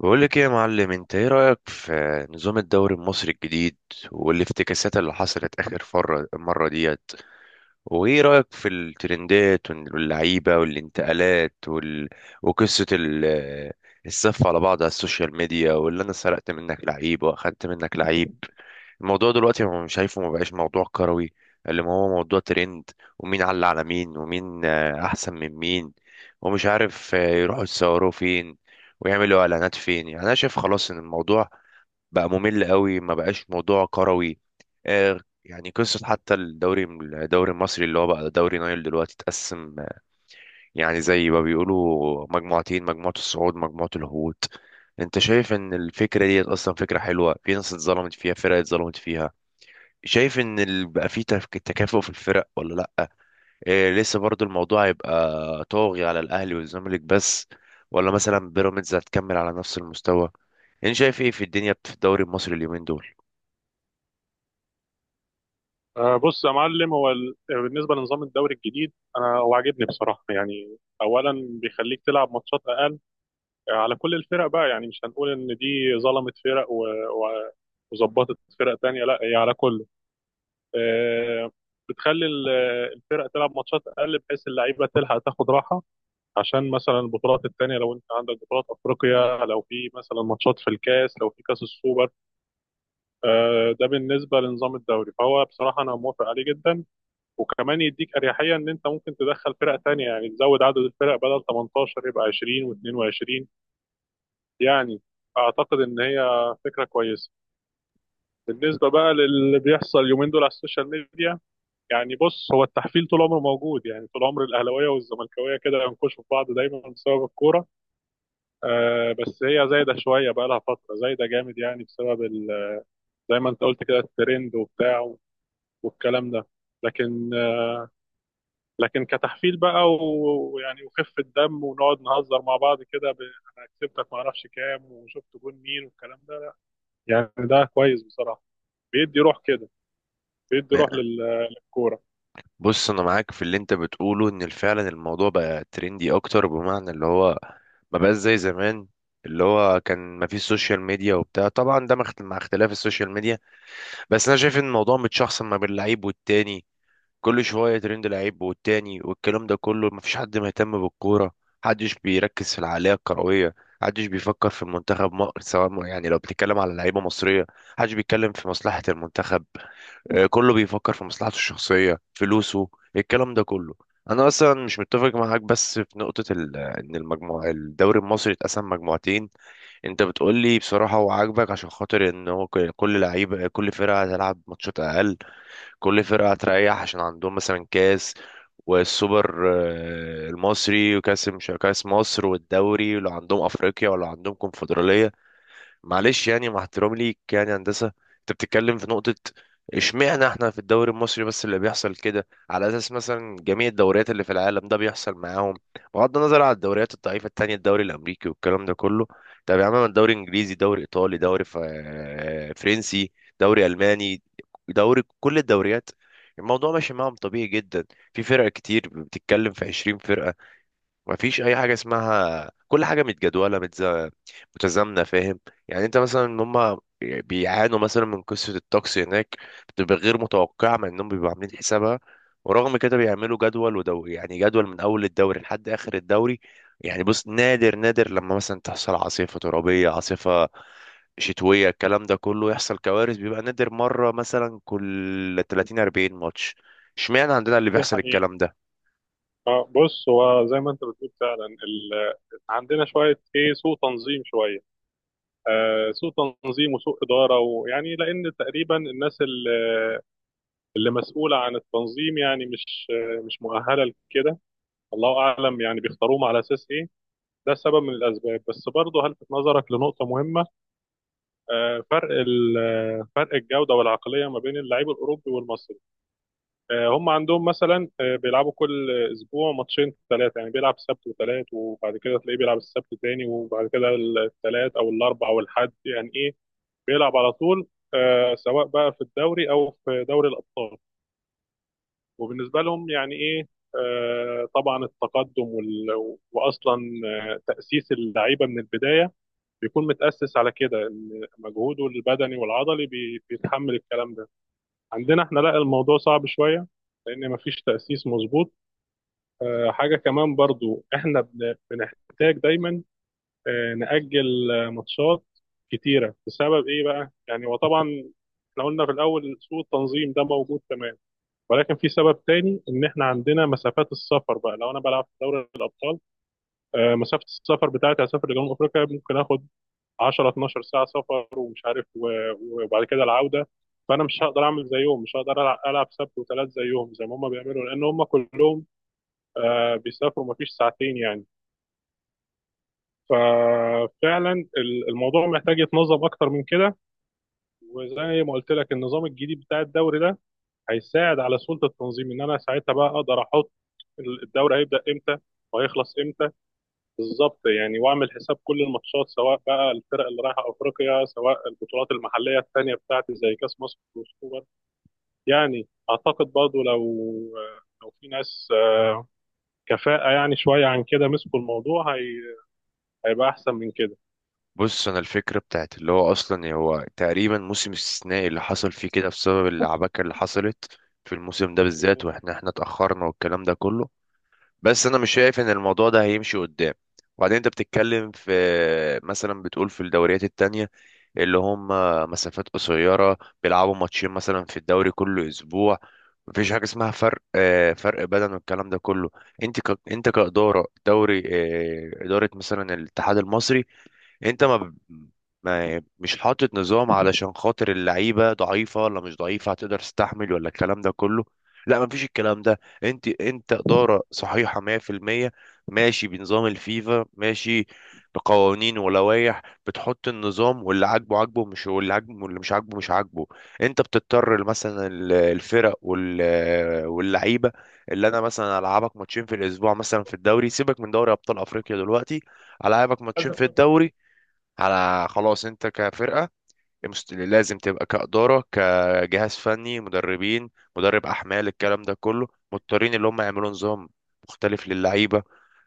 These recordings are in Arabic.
بقول لك ايه يا معلم، انت ايه رأيك في نظام الدوري المصري الجديد والافتكاسات اللي حصلت اخر فرة مرة ديت؟ وايه رأيك في الترندات واللعيبة والانتقالات وقصة ال... الصف على بعض على السوشيال ميديا، واللي انا سرقت منك لعيب واخدت منك لعيب؟ الموضوع دلوقتي، هو مش شايفه، ما بقاش موضوع كروي، اللي ما هو موضوع ترند، ومين علق على مين، ومين احسن من مين، ومش عارف يروحوا يتصوروا فين ويعملوا اعلانات فين. يعني انا شايف خلاص ان الموضوع بقى ممل قوي، ما بقاش موضوع كروي. يعني قصة حتى الدوري المصري اللي هو بقى دوري نايل دلوقتي اتقسم، يعني زي ما بيقولوا، مجموعتين، مجموعة الصعود مجموعة الهبوط. انت شايف ان الفكرة دي اصلا فكرة حلوة؟ في ناس اتظلمت فيها، فرق اتظلمت فيها. شايف ان بقى في تكافؤ في الفرق ولا لا؟ إيه، لسه برضو الموضوع هيبقى طاغي على الاهلي والزمالك بس، ولا مثلا بيراميدز هتكمل على نفس المستوى؟ انت شايف ايه في الدنيا في الدوري المصري اليومين دول؟ آه، بص يا معلم. هو بالنسبه لنظام الدوري الجديد، هو عاجبني بصراحه يعني. اولا بيخليك تلعب ماتشات اقل على كل الفرق بقى، يعني مش هنقول ان دي ظلمت فرق وظبطت فرق تانية، لا هي على كله. آه، بتخلي الفرق تلعب ماتشات اقل، بحيث اللعيبه تلحق تاخد راحه، عشان مثلا البطولات التانية، لو انت عندك بطولات افريقيا، لو في مثلا ماتشات في الكاس، لو في كاس السوبر. ده بالنسبه لنظام الدوري، فهو بصراحه انا موافق عليه جدا. وكمان يديك اريحيه ان انت ممكن تدخل فرق تانية، يعني تزود عدد الفرق بدل 18 يبقى 20 و22، يعني اعتقد ان هي فكره كويسه. بالنسبه بقى للي بيحصل اليومين دول على السوشيال ميديا، يعني بص، هو التحفيل طول عمره موجود، يعني طول عمر الاهلاويه والزملكاويه كده ينكشوا في بعض دايما بسبب الكوره. آه، بس هي زايده شويه بقى، لها فتره زايده جامد يعني، بسبب زي ما انت قلت كده الترند وبتاع والكلام ده. لكن كتحفيل بقى، ويعني وخفه دم ونقعد نهزر مع بعض كده ب... انا كسبتك ما اعرفش كام، وشفت جون مين والكلام ده، يعني ده كويس بصراحه. بيدي روح كده، بيدي روح للكوره. بص، انا معاك في اللي انت بتقوله، ان فعلا الموضوع بقى ترندي اكتر، بمعنى اللي هو ما بقاش زي زمان، اللي هو كان ما فيش سوشيال ميديا وبتاع، طبعا ده مع مع اختلاف السوشيال ميديا. بس انا شايف ان الموضوع متشخصن ما بين اللعيب والتاني، كل شوية ترند لعيب والتاني والكلام ده كله، مفيش حد مهتم بالكورة، محدش بيركز في العقلية الكروية، محدش بيفكر في المنتخب، يعني لو بتتكلم على لعيبة مصرية، محدش بيتكلم في مصلحة المنتخب. كله بيفكر في مصلحته الشخصية، فلوسه، الكلام ده كله. أنا أصلا مش متفق معاك بس في نقطة إن المجموعة الدوري المصري اتقسم مجموعتين. أنت بتقولي بصراحة هو عاجبك، عشان خاطر إن هو كل لعيبة، كل فرقة هتلعب ماتشات أقل، كل فرقة هتريح، عشان عندهم مثلا كاس والسوبر المصري، وكاس، مش كاس مصر، والدوري، ولو عندهم افريقيا، ولو عندهم كونفدرالية. معلش يعني، مع احترامي ليك، يعني هندسه انت بتتكلم في نقطه. اشمعنى احنا في الدوري المصري بس اللي بيحصل كده، على اساس مثلا جميع الدوريات اللي في العالم ده بيحصل معاهم؟ بغض النظر على الدوريات الضعيفه التانية، الدوري الامريكي والكلام ده كله. طب يا عم، الدوري انجليزي، دوري ايطالي، دوري فرنسي، دوري الماني، دوري كل الدوريات، الموضوع ماشي معاهم طبيعي جدا. في فرق كتير، بتتكلم في 20 فرقة، مفيش اي حاجه اسمها كل حاجه متجدوله متزامنه، فاهم؟ يعني انت مثلا، ان هم بيعانوا مثلا من قصه الطقس هناك، بتبقى غير متوقعه مع انهم بيبقوا عاملين حسابها، ورغم كده بيعملوا جدول يعني جدول من اول الدوري لحد اخر الدوري. يعني بص، نادر نادر لما مثلا تحصل عاصفه ترابيه، عاصفه شتويه، الكلام ده كله، يحصل كوارث، بيبقى نادر، مره مثلا كل 30 40 ماتش. اشمعنى عندنا اللي دي بيحصل حقيقه. الكلام ده؟ اه، بص، هو زي ما انت بتقول فعلا ال... عندنا شويه، ايه، سوء تنظيم شويه. آه، سوء تنظيم وسوء اداره، ويعني لان تقريبا الناس اللي مسؤوله عن التنظيم، يعني مش مؤهله لكده. الله اعلم يعني بيختاروهم على اساس ايه. ده سبب من الاسباب، بس برضه هلفت نظرك لنقطه مهمه. آه، فرق ال- فرق الجوده والعقليه ما بين اللعيب الاوروبي والمصري. هم عندهم مثلا بيلعبوا كل اسبوع ماتشين ثلاثه، يعني بيلعب سبت وثلاث، وبعد كده تلاقيه بيلعب السبت تاني، وبعد كده الثلاث او الاربع او الحد، يعني ايه، بيلعب على طول. سواء بقى في الدوري او في دوري الابطال. وبالنسبه لهم يعني ايه، طبعا التقدم واصلا تاسيس اللعيبه من البدايه بيكون متأسس على كده، ان مجهوده البدني والعضلي بيتحمل الكلام ده. عندنا احنا لا، الموضوع صعب شوية لان مفيش تأسيس مظبوط. حاجة كمان برضو، احنا بنحتاج دايما نأجل ماتشات كتيرة، بسبب ايه بقى يعني؟ وطبعا احنا قلنا في الاول سوء التنظيم ده موجود تمام، ولكن في سبب تاني ان احنا عندنا مسافات السفر بقى. لو انا بلعب في دوري الابطال، مسافة السفر بتاعتي هسافر لجنوب افريقيا، ممكن اخد 10 12 ساعه سفر، ومش عارف وبعد كده العوده. فانا مش هقدر اعمل زيهم، مش هقدر العب ألعب سبت وثلاث زيهم زي ما هم بيعملوا، لان هم كلهم بيسافروا مفيش ساعتين يعني. ففعلا الموضوع محتاج يتنظم اكتر من كده. وزي ما قلت لك، النظام الجديد بتاع الدوري ده هيساعد على سهوله التنظيم، ان انا ساعتها بقى اقدر احط الدوري هيبدا امتى وهيخلص بالظبط يعني، واعمل حساب كل الماتشات، سواء بقى الفرق اللي رايحه افريقيا، سواء البطولات المحليه الثانيه بتاعتي زي كاس مصر والسوبر. يعني اعتقد برضو لو في ناس كفاءه يعني شويه عن كده مسكوا الموضوع، هي... هيبقى احسن من كده. بص، انا الفكره بتاعت اللي هو، اصلا هو تقريبا موسم استثنائي اللي حصل فيه كده، بسبب العباكه اللي حصلت في الموسم ده بالذات، مم. واحنا اتاخرنا والكلام ده كله. بس انا مش شايف ان الموضوع ده هيمشي قدام. وبعدين انت بتتكلم في، مثلا بتقول في الدوريات التانية اللي هم مسافات قصيره، بيلعبوا ماتشين مثلا في الدوري كل اسبوع، مفيش حاجه اسمها فرق، فرق بدن والكلام ده كله. انت انت كاداره دوري، اداره مثلا الاتحاد المصري، انت ما مش حاطط نظام علشان خاطر اللعيبه ضعيفه ولا مش ضعيفه، هتقدر تستحمل ولا الكلام ده كله. لا، ما فيش الكلام ده، انت اداره صحيحه 100%، ماشي بنظام الفيفا، ماشي بقوانين ولوائح، بتحط النظام، واللي عاجبه عاجبه، مش واللي عاجبه واللي مش عاجبه مش عاجبه. انت بتضطر مثلا الفرق واللعيبه اللي انا مثلا العبك ماتشين في الاسبوع، مثلا في الدوري سيبك من دوري ابطال افريقيا دلوقتي، العابك ماتشين في الدوري على. خلاص، انت كفرقة لازم تبقى كإدارة، كجهاز فني، مدربين، مدرب أحمال، الكلام ده كله، مضطرين اللي هم يعملوا نظام مختلف للعيبة.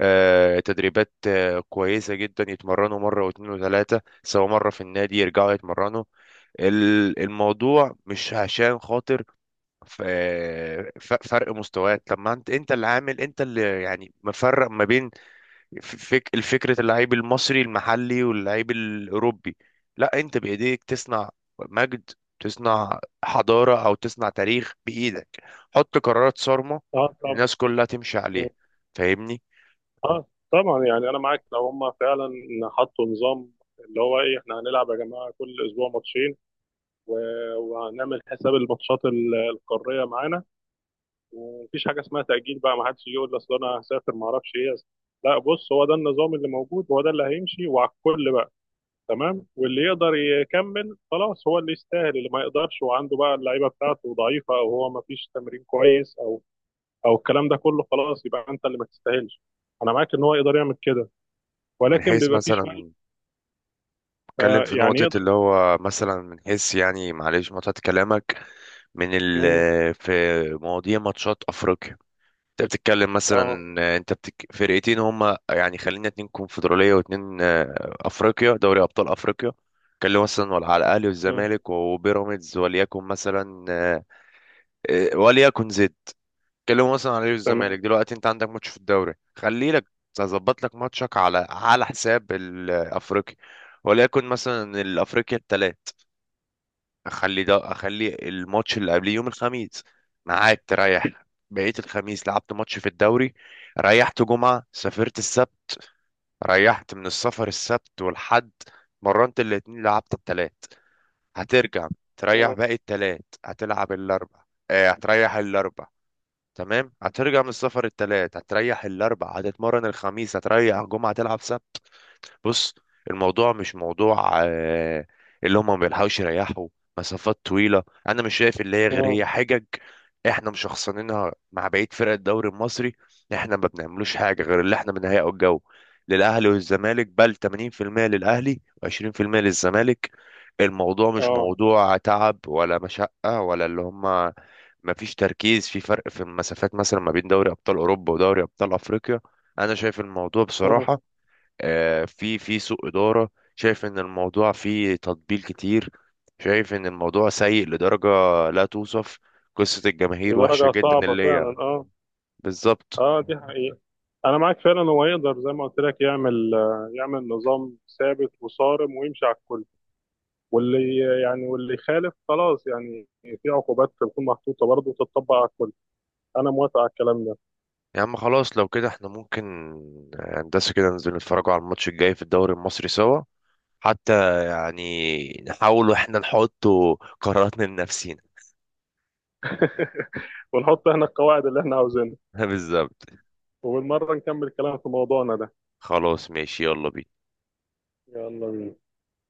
تدريبات كويسة جدا، يتمرنوا مرة واتنين وتلاتة، سواء مرة في النادي، يرجعوا يتمرنوا. الموضوع مش عشان خاطر فرق مستويات. طب ما انت اللي عامل، انت اللي يعني مفرق ما بين الفكرة، اللعيب المصري المحلي واللعيب الأوروبي. لا، أنت بإيديك تصنع مجد، تصنع حضارة، أو تصنع تاريخ بإيدك. حط قرارات صارمة اه، طبعا. الناس كلها تمشي مم. عليها. فاهمني؟ اه، طبعا يعني انا معاك لو هم فعلا حطوا نظام، اللي هو ايه احنا هنلعب يا جماعه كل اسبوع ماتشين و... وهنعمل حساب الماتشات القاريه معانا، ومفيش حاجه اسمها تاجيل بقى، ما حدش يجي يقول اصل انا هسافر ما اعرفش ايه. لا، بص، هو ده النظام اللي موجود، هو ده اللي هيمشي وعلى الكل بقى، تمام. واللي يقدر يكمل خلاص هو اللي يستاهل، اللي ما يقدرش وعنده بقى اللعيبه بتاعته ضعيفه، او هو ما فيش تمرين كويس، او الكلام ده كله، خلاص يبقى انت اللي ما تستاهلش. انا معاك ان هو يقدر يعمل كده، من ولكن حيث بيبقى فيه شويه. مثلا، اتكلم آه، في يعني نقطة يقدر. اللي هو مثلا من حيث، يعني معلش مقطعة كلامك، من ال مم، في مواضيع ماتشات أفريقيا. انت بتتكلم مثلا اه. ان انت فرقتين هما، يعني خلينا اتنين كونفدرالية واتنين افريقيا، دوري ابطال افريقيا كان مثلا، ولا على الاهلي مم، والزمالك وبيراميدز، وليكن مثلا وليكن زد، كلموا مثلا على الاهلي تمام. والزمالك. دلوقتي انت عندك ماتش في الدوري، خلي لك، هظبط لك ماتشك على حساب الافريقي، وليكن مثلا الافريقيا الثلاث، اخلي الماتش اللي قبليه يوم الخميس ميعاد تريح. بقيت الخميس لعبت ماتش في الدوري، ريحت جمعة، سافرت السبت، ريحت من السفر السبت والحد، مرنت الاتنين، لعبت التلات، هترجع تريح مم، باقي التلات، هتلعب الاربع، هتريح الاربع. تمام، هترجع من السفر التلات، هتريح الاربع، هتتمرن الخميس، هتريح جمعة، تلعب سبت. بص، الموضوع مش موضوع اللي هم ما بيلحقوش يريحوا، مسافات طويلة، أنا مش شايف اللي هي، غير هي مم، حجج، إحنا مشخصنينها مع بقية فرق الدوري المصري. إحنا ما بنعملوش حاجة، غير اللي إحنا بنهيئه الجو للأهلي والزمالك، بل 80% للأهلي و20% للزمالك. الموضوع مش اه. موضوع تعب ولا مشقة، ولا اللي هم ما فيش تركيز في فرق في المسافات مثلا ما بين دوري أبطال أوروبا ودوري أبطال أفريقيا. أنا شايف الموضوع مم، بصراحة في سوء إدارة، شايف إن الموضوع فيه تطبيل كتير، شايف إن الموضوع سيء لدرجة لا توصف. قصة الجماهير وحشة لدرجه جدا، صعبه اللي فعلا، هي اه. بالظبط. اه، دي حقيقة. انا معاك فعلا، هو يقدر زي ما قلت لك يعمل يعمل نظام ثابت وصارم ويمشي على الكل، واللي واللي يخالف خلاص، يعني في عقوبات تكون محطوطة برضه وتتطبق على الكل. انا موافق على الكلام ده. يا عم خلاص، لو كده احنا ممكن هندسة كده ننزل نتفرجوا على الماتش الجاي في الدوري المصري سوا، حتى يعني نحاول واحنا نحط قراراتنا لنفسينا. ونحط احنا القواعد اللي احنا عاوزينها، بالظبط، وبالمرة نكمل كلام في موضوعنا ده. خلاص ماشي، يلا بينا. يلا بينا.